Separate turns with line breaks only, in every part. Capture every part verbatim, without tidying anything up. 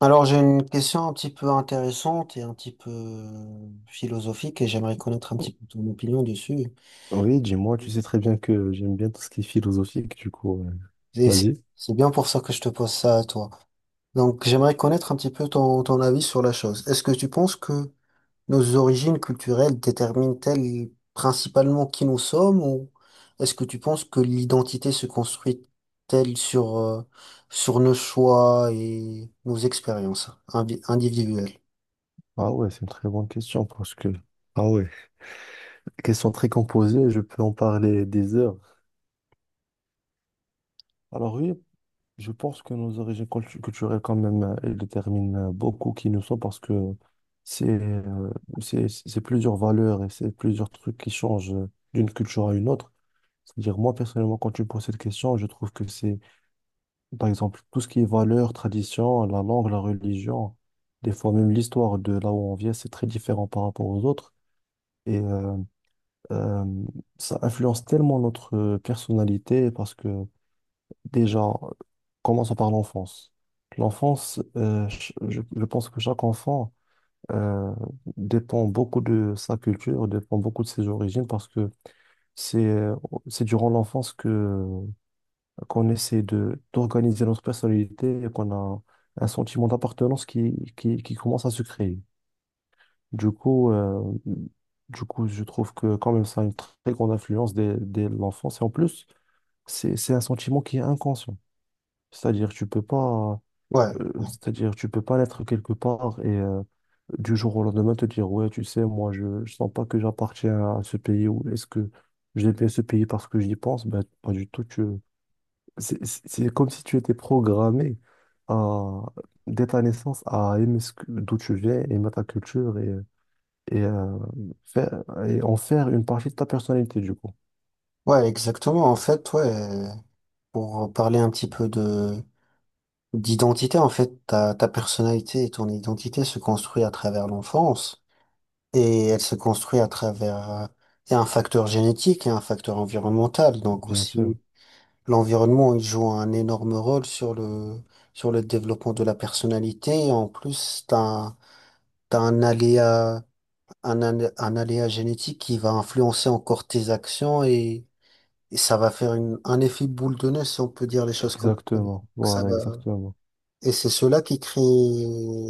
Alors, j'ai une question un petit peu intéressante et un petit peu euh, philosophique et j'aimerais connaître un petit peu ton opinion dessus.
Oui, dis-moi, tu sais très bien que j'aime bien tout ce qui est philosophique, du coup, euh,
Et c'est
vas-y.
c'est bien pour ça que je te pose ça à toi. Donc, j'aimerais connaître un petit peu ton, ton avis sur la chose. Est-ce que tu penses que nos origines culturelles déterminent-elles principalement qui nous sommes ou est-ce que tu penses que l'identité se construit-elle sur, euh, sur nos choix et nos expériences invi- individuelles?
Ah ouais, c'est une très bonne question parce que, ah ouais, question très composée, je peux en parler des heures. Alors oui, je pense que nos origines cultu- culturelles, quand même, euh, elles déterminent euh, beaucoup qui nous sommes parce que c'est euh, c'est c'est plusieurs valeurs et c'est plusieurs trucs qui changent euh, d'une culture à une autre. C'est-à-dire, moi, personnellement, quand tu me poses cette question, je trouve que c'est Par exemple, tout ce qui est valeurs, traditions, la langue, la religion, des fois même l'histoire de là où on vient, c'est très différent par rapport aux autres. Et euh, euh, ça influence tellement notre euh, personnalité parce que déjà, commençons par l'enfance. L'enfance, euh, ch- je, je pense que chaque enfant euh, dépend beaucoup de sa culture, dépend beaucoup de ses origines parce que c'est euh, c'est durant l'enfance que qu'on essaie de d'organiser notre personnalité et qu'on a un sentiment d'appartenance qui, qui, qui commence à se créer. Du coup, euh, du coup, je trouve que quand même ça a une très grande influence dès, dès l'enfance. Et en plus, c'est, c'est un sentiment qui est inconscient. C'est-à-dire, tu peux pas,
Ouais,
euh, c'est-à-dire, tu peux pas naître quelque part et euh, du jour au lendemain te dire, ouais, tu sais, moi, je, je sens pas que j'appartiens à ce pays ou est-ce que je bien ce pays parce que j'y pense? Ben, pas du tout, tu c'est c'est- c'est comme si tu étais programmé à, dès ta naissance à aimer ce que- d'où tu viens, aimer ta culture et, et, euh, faire, et en faire une partie de ta personnalité, du coup.
ouais, exactement. En fait, ouais. Pour parler un petit peu de d'identité, en fait, ta, ta personnalité et ton identité se construit à travers l'enfance et elle se construit à travers euh, il un facteur génétique et un facteur environnemental. Donc
Bien sûr.
aussi, l'environnement, il joue un énorme rôle sur le sur le développement de la personnalité. Et en plus, t'as un, t'as un aléa un, alé- un aléa génétique qui va influencer encore tes actions, et, et ça va faire une, un effet boule de neige si on peut dire les choses comme ça. Donc,
Exactement.
ça
Voilà,
va
exactement.
et c'est cela qui crée,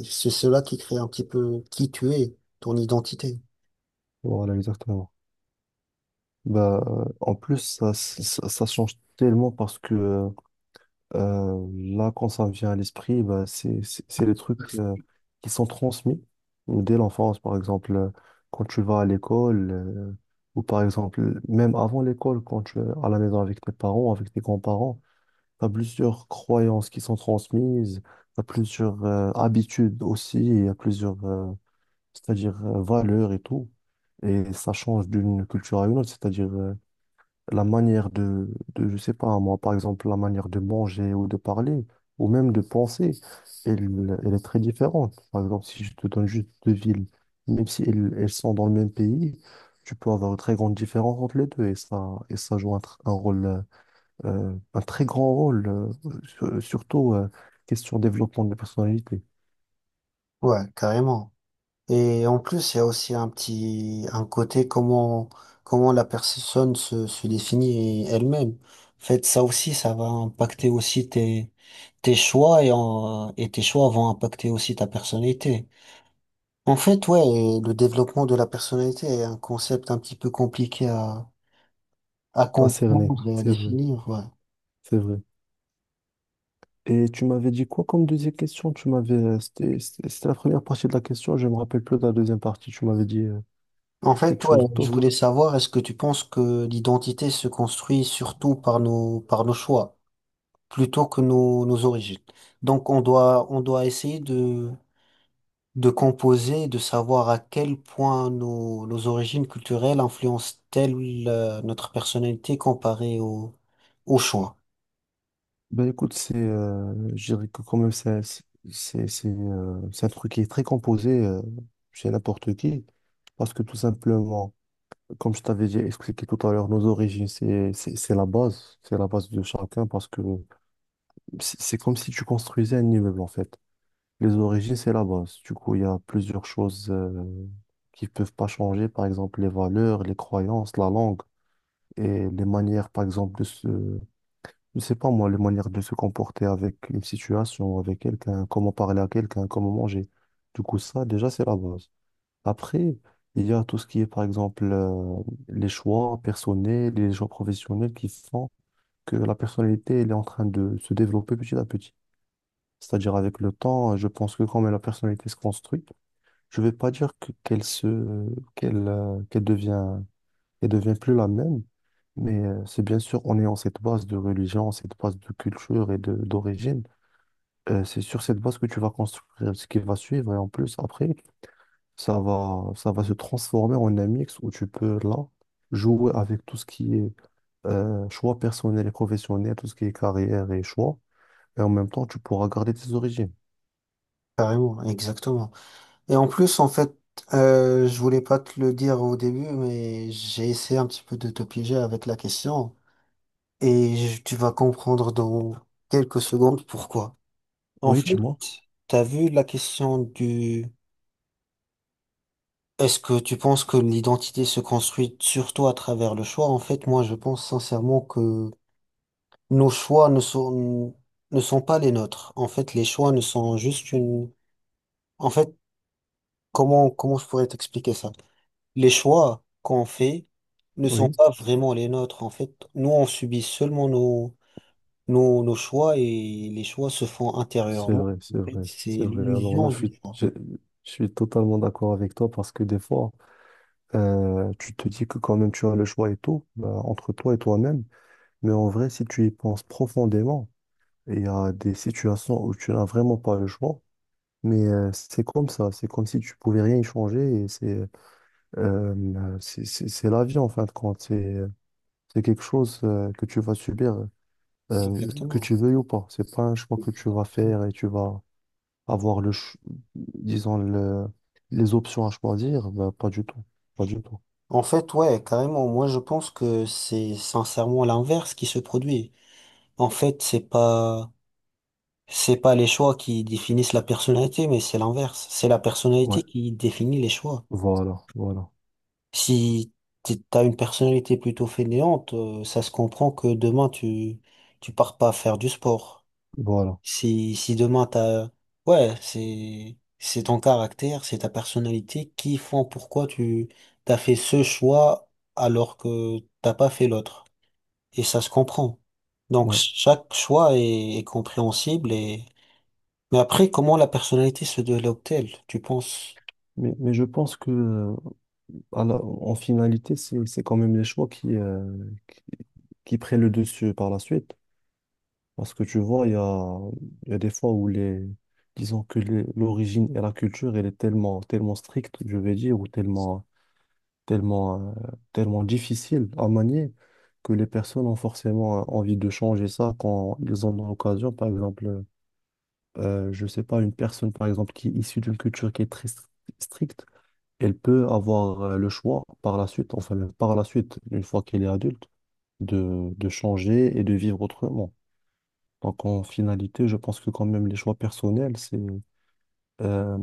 c'est cela qui crée un petit peu qui tu es, ton identité.
Voilà, exactement. Bah, euh, en plus, ça, ça, ça change tellement parce que euh, Euh, là, quand ça me vient à l'esprit, bah, c'est, c'est, c'est les trucs euh, qui sont transmis dès l'enfance. Par exemple, euh, quand tu vas à l'école, euh, ou par exemple, même avant l'école, quand tu es à la maison avec tes parents, avec tes grands-parents, tu as plusieurs croyances qui sont transmises, tu as plusieurs euh, habitudes aussi, il y a plusieurs, euh, c'est-à-dire euh, valeurs et tout. Et ça change d'une culture à une autre, c'est-à-dire euh, la manière de, de, je sais pas, moi, par exemple, la manière de manger ou de parler, ou même de penser, elle, elle est très différente. Par exemple, si je te donne juste deux villes, même si elles, elles sont dans le même pays, tu peux avoir une très grande différence entre les deux, et ça, et ça joue un, tr- un rôle, euh, euh, un très grand rôle, euh, sur- surtout, euh, question développement de personnalité,
Ouais, carrément. Et en plus, il y a aussi un petit, un côté comment, comment la personne se, se définit elle-même. En fait, ça aussi, ça va impacter aussi tes, tes choix, et en- et tes choix vont impacter aussi ta personnalité. En fait, ouais, et le développement de la personnalité est un concept un petit peu compliqué à, à
à cerner,
comprendre et à
c'est vrai,
définir. Ouais.
c'est vrai. Et tu m'avais dit quoi comme deuxième question? Tu m'avais, euh, c'était, c'était c'était la première partie de la question, je me rappelle plus de la deuxième partie. Tu m'avais dit euh,
En
quelque
fait, ouais,
chose
je voulais
d'autre.
savoir, est-ce que tu penses que l'identité se construit surtout par nos, par nos choix, plutôt que nos, nos origines? Donc, on doit, on doit essayer de, de composer, de savoir à quel point nos, nos origines culturelles influencent-elles euh, notre personnalité comparée au, au choix.
Ben écoute, c'est, euh, je dirais que quand même, c'est, c'est, c'est, c'est, euh, c'est un truc qui est très composé euh, chez n'importe qui. Parce que tout simplement, comme je t'avais déjà expliqué tout à l'heure, nos origines, c'est, c'est, c'est la base. C'est la base de chacun parce que c'est c'est comme si tu construisais un immeuble en fait. Les origines, c'est la base. Du coup, il y a plusieurs choses euh, qui ne peuvent pas changer. Par exemple, les valeurs, les croyances, la langue et les manières, par exemple, de se... Je sais pas moi, les manières de se comporter avec une situation, avec quelqu'un, comment parler à quelqu'un, comment manger. Du coup, ça, déjà, c'est la base. Après, il y a tout ce qui est, par exemple, euh, les choix personnels, les choix professionnels qui font que la personnalité, elle est en train de se développer petit à petit. C'est-à-dire avec le temps, je pense que quand même la personnalité se construit, je vais pas dire que- qu'elle se, qu'elle, euh, qu'elle devient, qu'elle devient plus la même, mais euh, c'est bien sûr en ayant cette base de religion, cette base de culture et de d'origine, euh, c'est sur cette base que tu vas construire ce qui va suivre et en plus après, ça va, ça va se transformer en un mix où tu peux là jouer avec tout ce qui est euh, choix personnel et professionnel, tout ce qui est carrière et choix. Et en même temps, tu pourras garder tes origines.
Carrément, exactement. Et en plus, en fait, euh, je voulais pas te le dire au début, mais j'ai essayé un petit peu de te piéger avec la question. Et je- tu vas comprendre dans quelques secondes pourquoi. En
Oui,
fait,
dis-moi.
t'as vu la question du... Est-ce que tu penses que l'identité se construit surtout à travers le choix? En fait, moi, je pense sincèrement que nos choix ne sont, ne sont pas les nôtres. En fait, les choix ne sont juste une... En fait, comment, comment je pourrais t'expliquer ça? Les choix qu'on fait ne sont
Oui,
pas vraiment les nôtres. En fait, nous, on subit seulement nos Nos, nos choix et les choix se font
c'est
intérieurement.
vrai,
En
c'est
fait,
vrai,
c'est
c'est vrai. Alors là,
l'illusion
je
du
suis,
choix.
je, je suis totalement d'accord avec toi parce que des fois, euh, tu te dis que quand même tu as le choix et tout, bah, entre toi et toi-même. Mais en vrai, si tu y penses profondément, il y a des situations où tu n'as vraiment pas le choix, mais euh, c'est comme ça, c'est comme si tu pouvais rien y changer et c'est euh, c'est c'est- c'est la vie en fin de compte, c'est c'est quelque chose euh, que tu vas subir, euh, que
Exactement.
tu veuilles ou pas. C'est pas un choix que tu vas
Exactement.
faire et tu vas avoir le, ch- disons le, les options à choisir, bah, pas du tout, pas du tout.
En fait, ouais, carrément. Moi, je pense que c'est sincèrement l'inverse qui se produit. En fait, c'est pas, c'est pas les choix qui définissent la personnalité, mais c'est l'inverse. C'est la
Ouais,
personnalité qui définit les choix.
voilà, voilà,
Si t'es- t'as une personnalité plutôt fainéante, euh, ça se comprend que demain, tu, tu pars pas faire du sport.
voilà.
Si, si demain t'as, ouais, c'est, c'est ton caractère, c'est ta personnalité qui font pourquoi tu t'as fait ce choix alors que t'as pas fait l'autre. Et ça se comprend. Donc
Ouais.
chaque choix est, est compréhensible et, mais après, comment la personnalité se développe-t-elle, tu penses?
Mais, mais je pense que euh, alors, en finalité, c'est c'est quand même les choix qui, euh, qui, qui prennent le dessus par la suite. Parce que tu vois, il y a, il y a des fois où les, disons que les- l'origine et la culture, elle est tellement, tellement stricte, je vais dire, ou tellement, tellement, euh, tellement difficile à manier, que les personnes ont forcément euh, envie de changer ça quand ils en ont l'occasion. Par exemple, euh, je sais pas, une personne, par exemple, qui est issue d'une culture qui est très stri- stricte, elle peut avoir euh, le choix par la suite, enfin le- par la suite, une fois qu'elle est adulte, de, de changer et de vivre autrement. Donc en finalité, je pense que quand même les choix personnels, c'est, euh,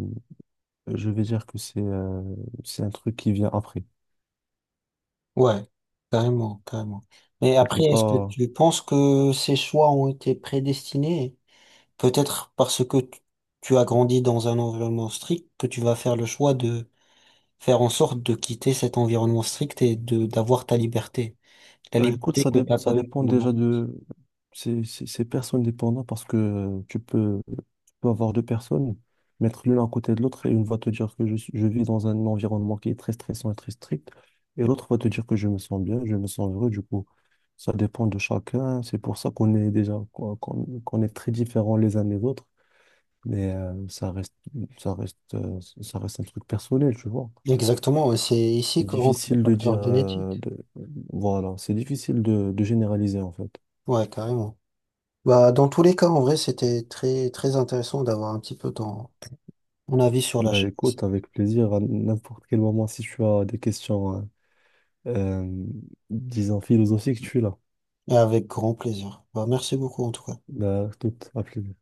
je vais dire que c'est euh, c'est un truc qui vient après.
Ouais, carrément, carrément. Mais
Tu peux
après, est-ce que
pas,
tu penses que ces choix ont été prédestinés? Peut-être parce que tu tu as grandi dans un environnement strict que tu vas faire le choix de faire en sorte de quitter cet environnement strict et de d'avoir ta liberté. La
bah, écoute,
liberté
ça,
que
dé-
t'as
ça
pas eue
dépend
pendant.
déjà de... C'est c'est- c'est personne dépendant parce que euh, tu peux, tu peux avoir deux personnes, mettre l'une à côté de l'autre et une va te dire que je, suis- je vis dans un environnement qui est très stressant et très strict et l'autre va te dire que je me sens bien, je me sens heureux. Du coup, ça dépend de chacun. C'est pour ça qu'on est déjà, qu'on, qu'on- qu'on est très différents les uns des autres. Mais euh, ça reste, ça reste, euh, ça reste un truc personnel, tu vois.
Exactement, ouais, c'est ici
C'est
que rentre le
difficile de dire.
facteur
euh,
génétique.
de- Voilà, c'est difficile de, de généraliser en fait.
Ouais, carrément. Bah, dans tous les cas, en vrai, c'était très, très intéressant d'avoir un petit peu ton, ton avis sur la
Bah
chose.
écoute, avec plaisir, à n'importe quel moment, si tu as des questions, euh, euh, disons philosophiques, tu es là.
Avec grand plaisir. Bah, merci beaucoup, en tout cas.
Bah, tout, à plus.